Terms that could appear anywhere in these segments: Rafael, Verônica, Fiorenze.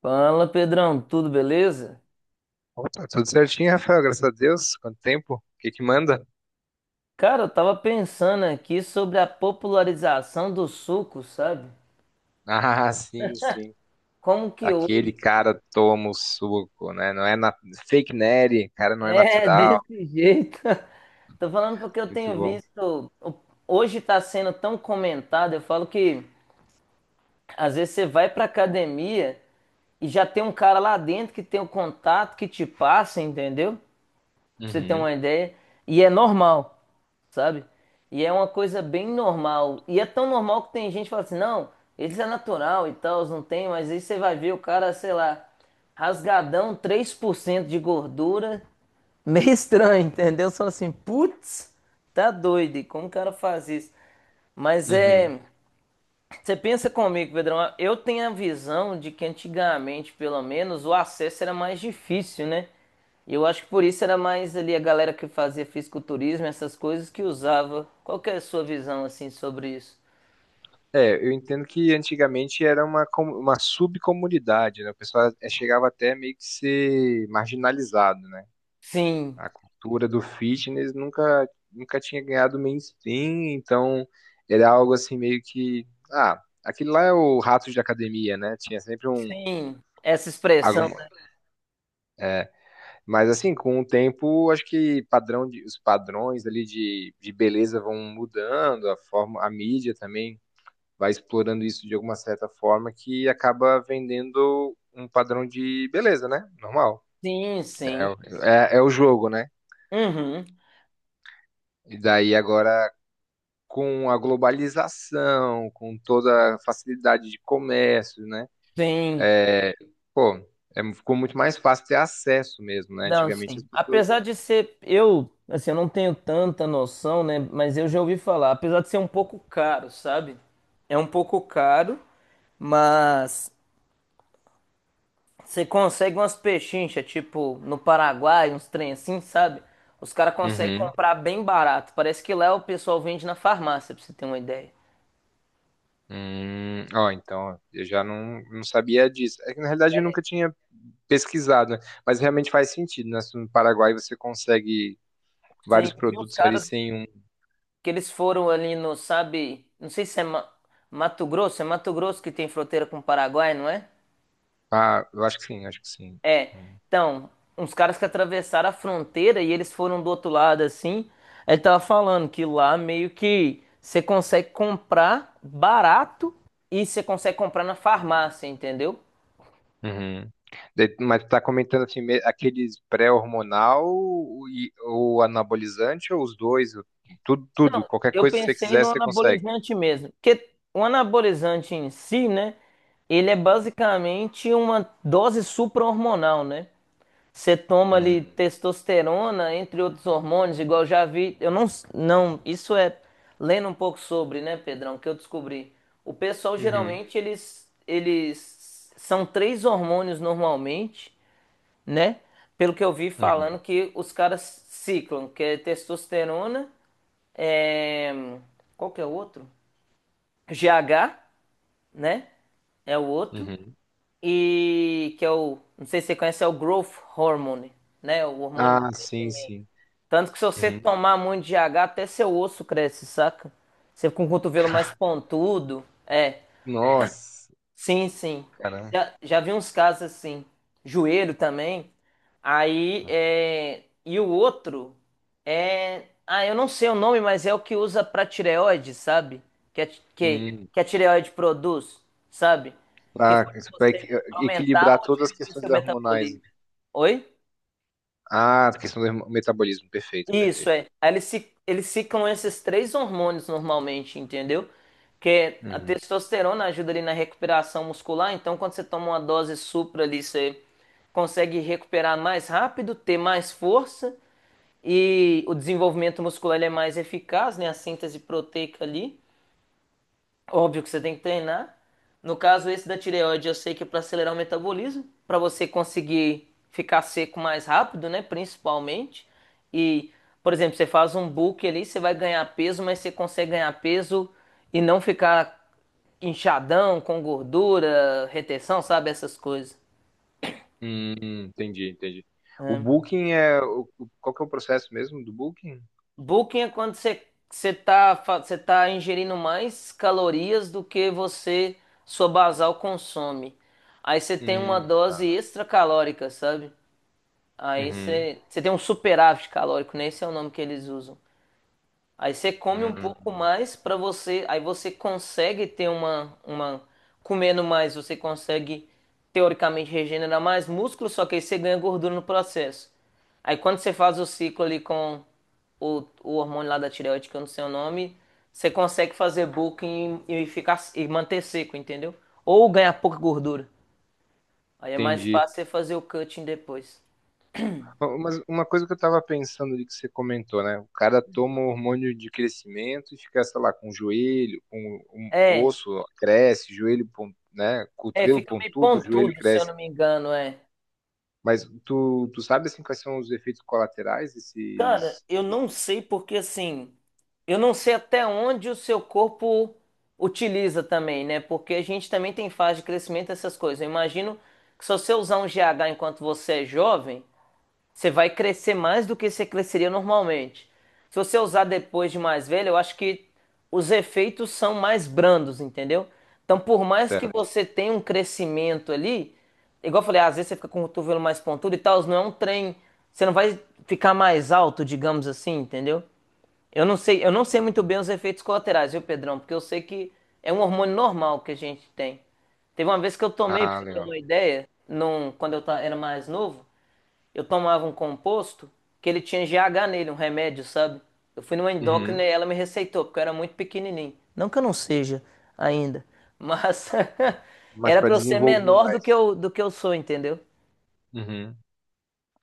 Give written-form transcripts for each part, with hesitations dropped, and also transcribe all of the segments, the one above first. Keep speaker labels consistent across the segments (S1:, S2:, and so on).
S1: Fala, Pedrão, tudo beleza?
S2: Opa, tudo certinho, Rafael, graças a Deus. Quanto tempo? O que que manda?
S1: Cara, eu tava pensando aqui sobre a popularização do suco, sabe?
S2: Ah, sim, sim.
S1: Como que hoje
S2: Aquele cara toma o suco, né? Não é na... fake nerd, cara não é
S1: é
S2: natural.
S1: desse jeito? Tô falando porque eu
S2: Muito
S1: tenho
S2: bom.
S1: visto, hoje tá sendo tão comentado. Eu falo que às vezes você vai pra academia e já tem um cara lá dentro que tem o contato que te passa, entendeu? Pra você ter
S2: Uhum,
S1: uma ideia. E é normal, sabe? E é uma coisa bem normal. E é tão normal que tem gente que fala assim, não, eles é natural e tal, não tem, mas aí você vai ver o cara, sei lá, rasgadão, 3% de gordura, meio estranho, entendeu? Só assim, putz, tá doido, e como o cara faz isso? Mas
S2: uhum.
S1: é, você pensa comigo, Pedrão. Eu tenho a visão de que antigamente, pelo menos, o acesso era mais difícil, né? E eu acho que por isso era mais ali a galera que fazia fisiculturismo, essas coisas que usava. Qual que é a sua visão, assim, sobre isso?
S2: É, eu entendo que antigamente era uma subcomunidade, né? Chegava até meio que ser marginalizado, né?
S1: Sim,
S2: A cultura do fitness nunca tinha ganhado mainstream, então era algo assim meio que. Ah, aquele lá é o rato de academia, né? Tinha sempre um.
S1: sim. Essa expressão,
S2: Alguma,
S1: né?
S2: é, mas assim, com o tempo, acho que os padrões ali de beleza vão mudando, a forma, a mídia também vai explorando isso de alguma certa forma que acaba vendendo um padrão de beleza, né? Normal.
S1: Sim,
S2: É,
S1: sim.
S2: o- é, é o jogo, né?
S1: Uhum.
S2: E daí agora com a globalização, com toda a facilidade de comércio, né?
S1: Sim,
S2: Pô, é, ficou muito mais fácil ter acesso mesmo, né?
S1: não,
S2: Antigamente
S1: sim.
S2: as pessoas.
S1: Apesar de ser, eu, assim, eu não tenho tanta noção, né? Mas eu já ouvi falar, apesar de ser um pouco caro, sabe? É um pouco caro, mas você consegue umas pechinchas, tipo, no Paraguai, uns trem assim, sabe? Os caras conseguem
S2: Uhum.
S1: comprar bem barato. Parece que lá o pessoal vende na farmácia, pra você ter uma ideia.
S2: Ó, então, eu já não, não sabia disso. É que, na realidade, eu nunca tinha pesquisado, né? Mas realmente faz sentido, né? Se no Paraguai você consegue
S1: Sim,
S2: vários
S1: eu vi uns
S2: produtos ali
S1: caras
S2: sem um.
S1: que eles foram ali no, sabe? Não sei se é Mato Grosso, é Mato Grosso que tem fronteira com o Paraguai, não é?
S2: Ah, eu acho que sim, acho que sim.
S1: É.
S2: Hum.
S1: Então, uns caras que atravessaram a fronteira e eles foram do outro lado assim. Ele tava falando que lá meio que você consegue comprar barato e você consegue comprar na farmácia, entendeu?
S2: Uhum. Mas tu tá comentando aqueles pré-hormonal ou anabolizante ou os dois? Ou tudo, tudo,
S1: Não,
S2: qualquer
S1: eu
S2: coisa que você
S1: pensei
S2: quiser,
S1: no
S2: você consegue.
S1: anabolizante mesmo, porque o anabolizante em si, né, ele é basicamente uma dose supra-hormonal, né? Você toma ali
S2: Hum,
S1: testosterona, entre outros hormônios, igual eu já vi, eu não, não, isso é lendo um pouco sobre, né, Pedrão, que eu descobri. O pessoal
S2: Uhum.
S1: geralmente eles são 3 hormônios normalmente, né? Pelo que eu vi
S2: Uhum,
S1: falando que os caras ciclam, que é testosterona é, qual que é o outro? GH, né? É o outro.
S2: uhum,
S1: E que é o, não sei se você conhece, é o Growth Hormone, né? O hormônio do
S2: ah, sim,
S1: crescimento.
S2: sim.
S1: Tanto que se você
S2: Uhum.
S1: tomar muito GH, até seu osso cresce, saca? Você fica com o cotovelo mais pontudo. É.
S2: Nossa,
S1: Sim, sim.
S2: cara.
S1: Já vi uns casos assim. Joelho também. Aí, é... e o outro é. Ah, eu não sei o nome, mas é o que usa pra tireoide, sabe? Que a, que,
S2: Hum,
S1: a tireoide produz, sabe? Que
S2: pra,
S1: faz
S2: isso pra
S1: você
S2: equi-
S1: aumentar
S2: equilibrar
S1: ou
S2: todas as
S1: diminuir seu
S2: questões hormonais.
S1: metabolismo. Oi?
S2: Ah, a questão do hormo- metabolismo. Perfeito,
S1: Isso
S2: perfeito.
S1: é. Aí eles, se, eles ficam esses 3 hormônios normalmente, entendeu? Que é a
S2: Uhum.
S1: testosterona ajuda ali na recuperação muscular, então quando você toma uma dose supra ali, você consegue recuperar mais rápido, ter mais força e o desenvolvimento muscular ele é mais eficaz, né? A síntese proteica ali. Óbvio que você tem que treinar. No caso, esse da tireoide, eu sei que é para acelerar o metabolismo, para você conseguir ficar seco mais rápido, né? Principalmente. E, por exemplo, você faz um bulk ali, você vai ganhar peso, mas você consegue ganhar peso e não ficar inchadão, com gordura, retenção, sabe? Essas coisas.
S2: Entendi, entendi. O
S1: É.
S2: booking é. Qual que é o processo mesmo do booking?
S1: Bulking é quando você você tá, você tá ingerindo mais calorias do que você, sua basal consome. Aí você tem uma dose
S2: Tá.
S1: extra calórica, sabe? Aí
S2: Uhum.
S1: você, você tem um superávit calórico, né? Esse é o nome que eles usam. Aí você come um pouco
S2: Hum,
S1: mais para você, aí você consegue ter uma comendo mais, você consegue teoricamente regenerar mais músculo, só que aí você ganha gordura no processo. Aí quando você faz o ciclo ali com o hormônio lá da tireoide, que eu não sei o nome, você consegue fazer bulking e ficar e manter seco, entendeu? Ou ganhar pouca gordura. Aí é mais
S2: entendi.
S1: fácil você fazer o cutting depois.
S2: Ó, mas uma coisa que eu tava pensando ali que você comentou, né? O cara toma o hormônio de crescimento e fica, sei lá, com o joelho, com o o
S1: É,
S2: osso cresce, né?
S1: é,
S2: Cotovelo
S1: fica meio
S2: pontudo, joelho
S1: pontudo, se eu
S2: cresce.
S1: não me engano, é.
S2: Mas tu sabe assim quais são os efeitos colaterais
S1: Cara, eu não
S2: desses
S1: sei porque assim, eu não sei até onde o seu corpo utiliza também, né? Porque a gente também tem fase de crescimento, essas coisas. Eu imagino que se você usar um GH enquanto você é jovem, você vai crescer mais do que você cresceria normalmente. Se você usar depois de mais velho, eu acho que os efeitos são mais brandos, entendeu? Então, por mais que
S2: teto?
S1: você tenha um crescimento ali, igual eu falei, às vezes você fica com o cotovelo mais pontudo e tal, não é um trem, você não vai ficar mais alto, digamos assim, entendeu? Eu não sei muito bem
S2: Hum.
S1: os efeitos colaterais, viu, Pedrão? Porque eu sei que é um hormônio normal que a gente tem. Teve uma vez que eu tomei, pra
S2: Ah,
S1: você ter
S2: legal.
S1: uma ideia, num, quando eu era mais novo, eu tomava um composto que ele tinha GH nele, um remédio, sabe? Eu fui numa endócrina e
S2: Uhum.
S1: ela me receitou, porque eu era muito pequenininho. Não que eu não seja ainda, mas
S2: Mas
S1: era
S2: para
S1: pra eu ser
S2: desenvolver
S1: menor do
S2: mais.
S1: que eu sou, entendeu?
S2: Uhum.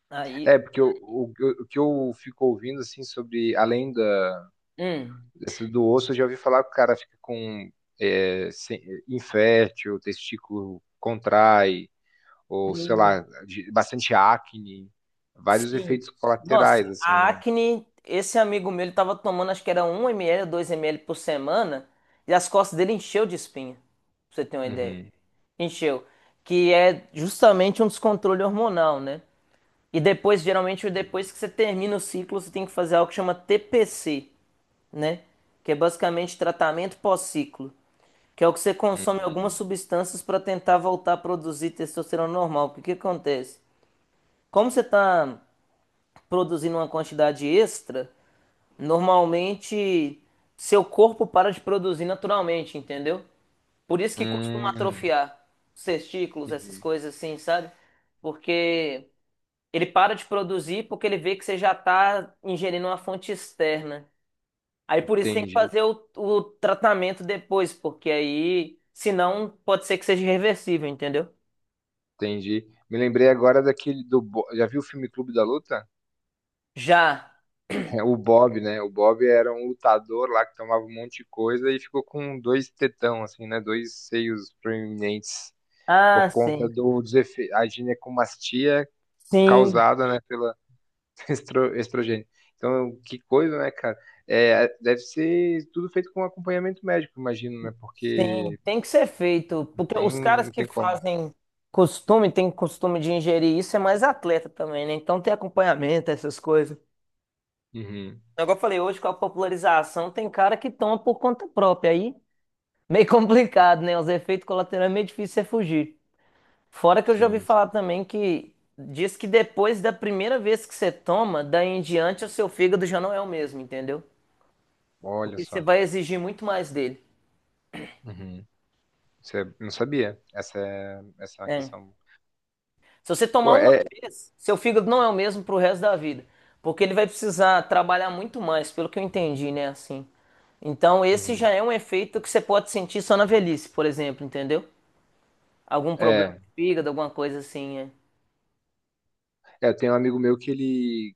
S1: Aí,
S2: É, porque o que eu fico ouvindo assim sobre além da.
S1: hum,
S2: Essa do osso eu já ouvi falar que o cara fica com é, sem- infértil, o testículo contrai, ou sei lá, bastante acne, vários
S1: sim.
S2: efeitos
S1: Nossa,
S2: colaterais, assim,
S1: a
S2: né?
S1: acne, esse amigo meu, ele tava tomando, acho que era 1 ml, ou 2 ml por semana, e as costas dele encheu de espinha, pra você ter uma ideia.
S2: Uhum,
S1: Encheu. Que é justamente um descontrole hormonal, né? E depois, geralmente, depois que você termina o ciclo, você tem que fazer algo que chama TPC, né? Que é basicamente tratamento pós-ciclo, que é o que você consome algumas
S2: uhum.
S1: substâncias para tentar voltar a produzir testosterona normal. Porque o que acontece? Como você está produzindo uma quantidade extra, normalmente seu corpo para de produzir naturalmente, entendeu? Por isso que costuma
S2: Hum,
S1: atrofiar os testículos, essas
S2: uhum.
S1: coisas assim, sabe? Porque ele para de produzir porque ele vê que você já está ingerindo uma fonte externa. Aí por isso tem que
S2: Entendi,
S1: fazer o tratamento depois, porque aí, senão, pode ser que seja irreversível, entendeu?
S2: entendi. Me lembrei agora daquele do. Já viu o filme Clube da Luta?
S1: Já.
S2: É, o Bob, né? O Bob era um lutador lá que tomava um monte de coisa e ficou com dois tetão, assim, né? Dois seios proeminentes.
S1: Ah,
S2: Por conta
S1: sim.
S2: do desefe- A ginecomastia
S1: Sim,
S2: causada, né, pela estrogênio. Então, que coisa, né, cara? É, deve ser tudo feito com acompanhamento médico, imagino, né?
S1: sim.
S2: Porque
S1: Tem que ser feito,
S2: não
S1: porque
S2: tem,
S1: os caras
S2: não
S1: que
S2: tem como.
S1: fazem costume, tem costume de ingerir isso, é mais atleta também, né? Então tem acompanhamento, essas coisas.
S2: Uhum.
S1: Agora eu falei, hoje com a popularização, tem cara que toma por conta própria. Aí meio complicado, né? Os efeitos colaterais é meio difícil você fugir. Fora que eu já ouvi
S2: Sim, sim.
S1: falar também que diz que depois da primeira vez que você toma, daí em diante o seu fígado já não é o mesmo, entendeu?
S2: Olha
S1: Porque você
S2: só.
S1: vai exigir muito mais dele.
S2: Uhum. Isso é- não sabia. Essa é uma
S1: É.
S2: questão.
S1: Se você tomar
S2: Pô,
S1: uma
S2: é.
S1: vez, seu fígado não é o mesmo pro resto da vida. Porque ele vai precisar trabalhar muito mais, pelo que eu entendi, né? Assim. Então, esse já
S2: Uhum.
S1: é um efeito que você pode sentir só na velhice, por exemplo, entendeu? Algum problema
S2: É.
S1: de fígado, alguma coisa assim, é.
S2: É, tem um amigo meu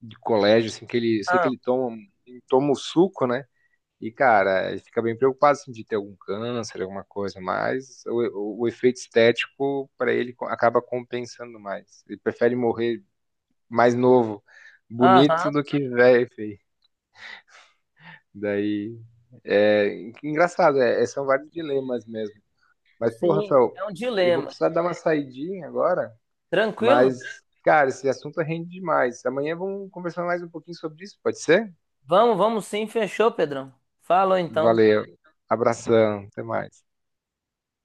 S2: de colégio, assim, que ele, sei que
S1: Ah,
S2: ele toma o suco, né? E, cara, ele fica bem preocupado assim, de ter algum câncer, alguma coisa, mas o efeito estético para ele acaba compensando mais. Ele prefere morrer mais novo, bonito,
S1: aham,
S2: do que velho, e feio. Daí, é engraçado, são vários dilemas mesmo. Mas, pô,
S1: sim,
S2: Rafael,
S1: é um
S2: eu vou
S1: dilema.
S2: precisar dar uma saidinha agora,
S1: Tranquilo?
S2: mas, cara, esse assunto rende demais. Amanhã vamos conversar mais um pouquinho sobre isso, pode ser?
S1: Vamos, vamos sim, fechou, Pedrão. Falou então.
S2: Valeu, abração, até mais.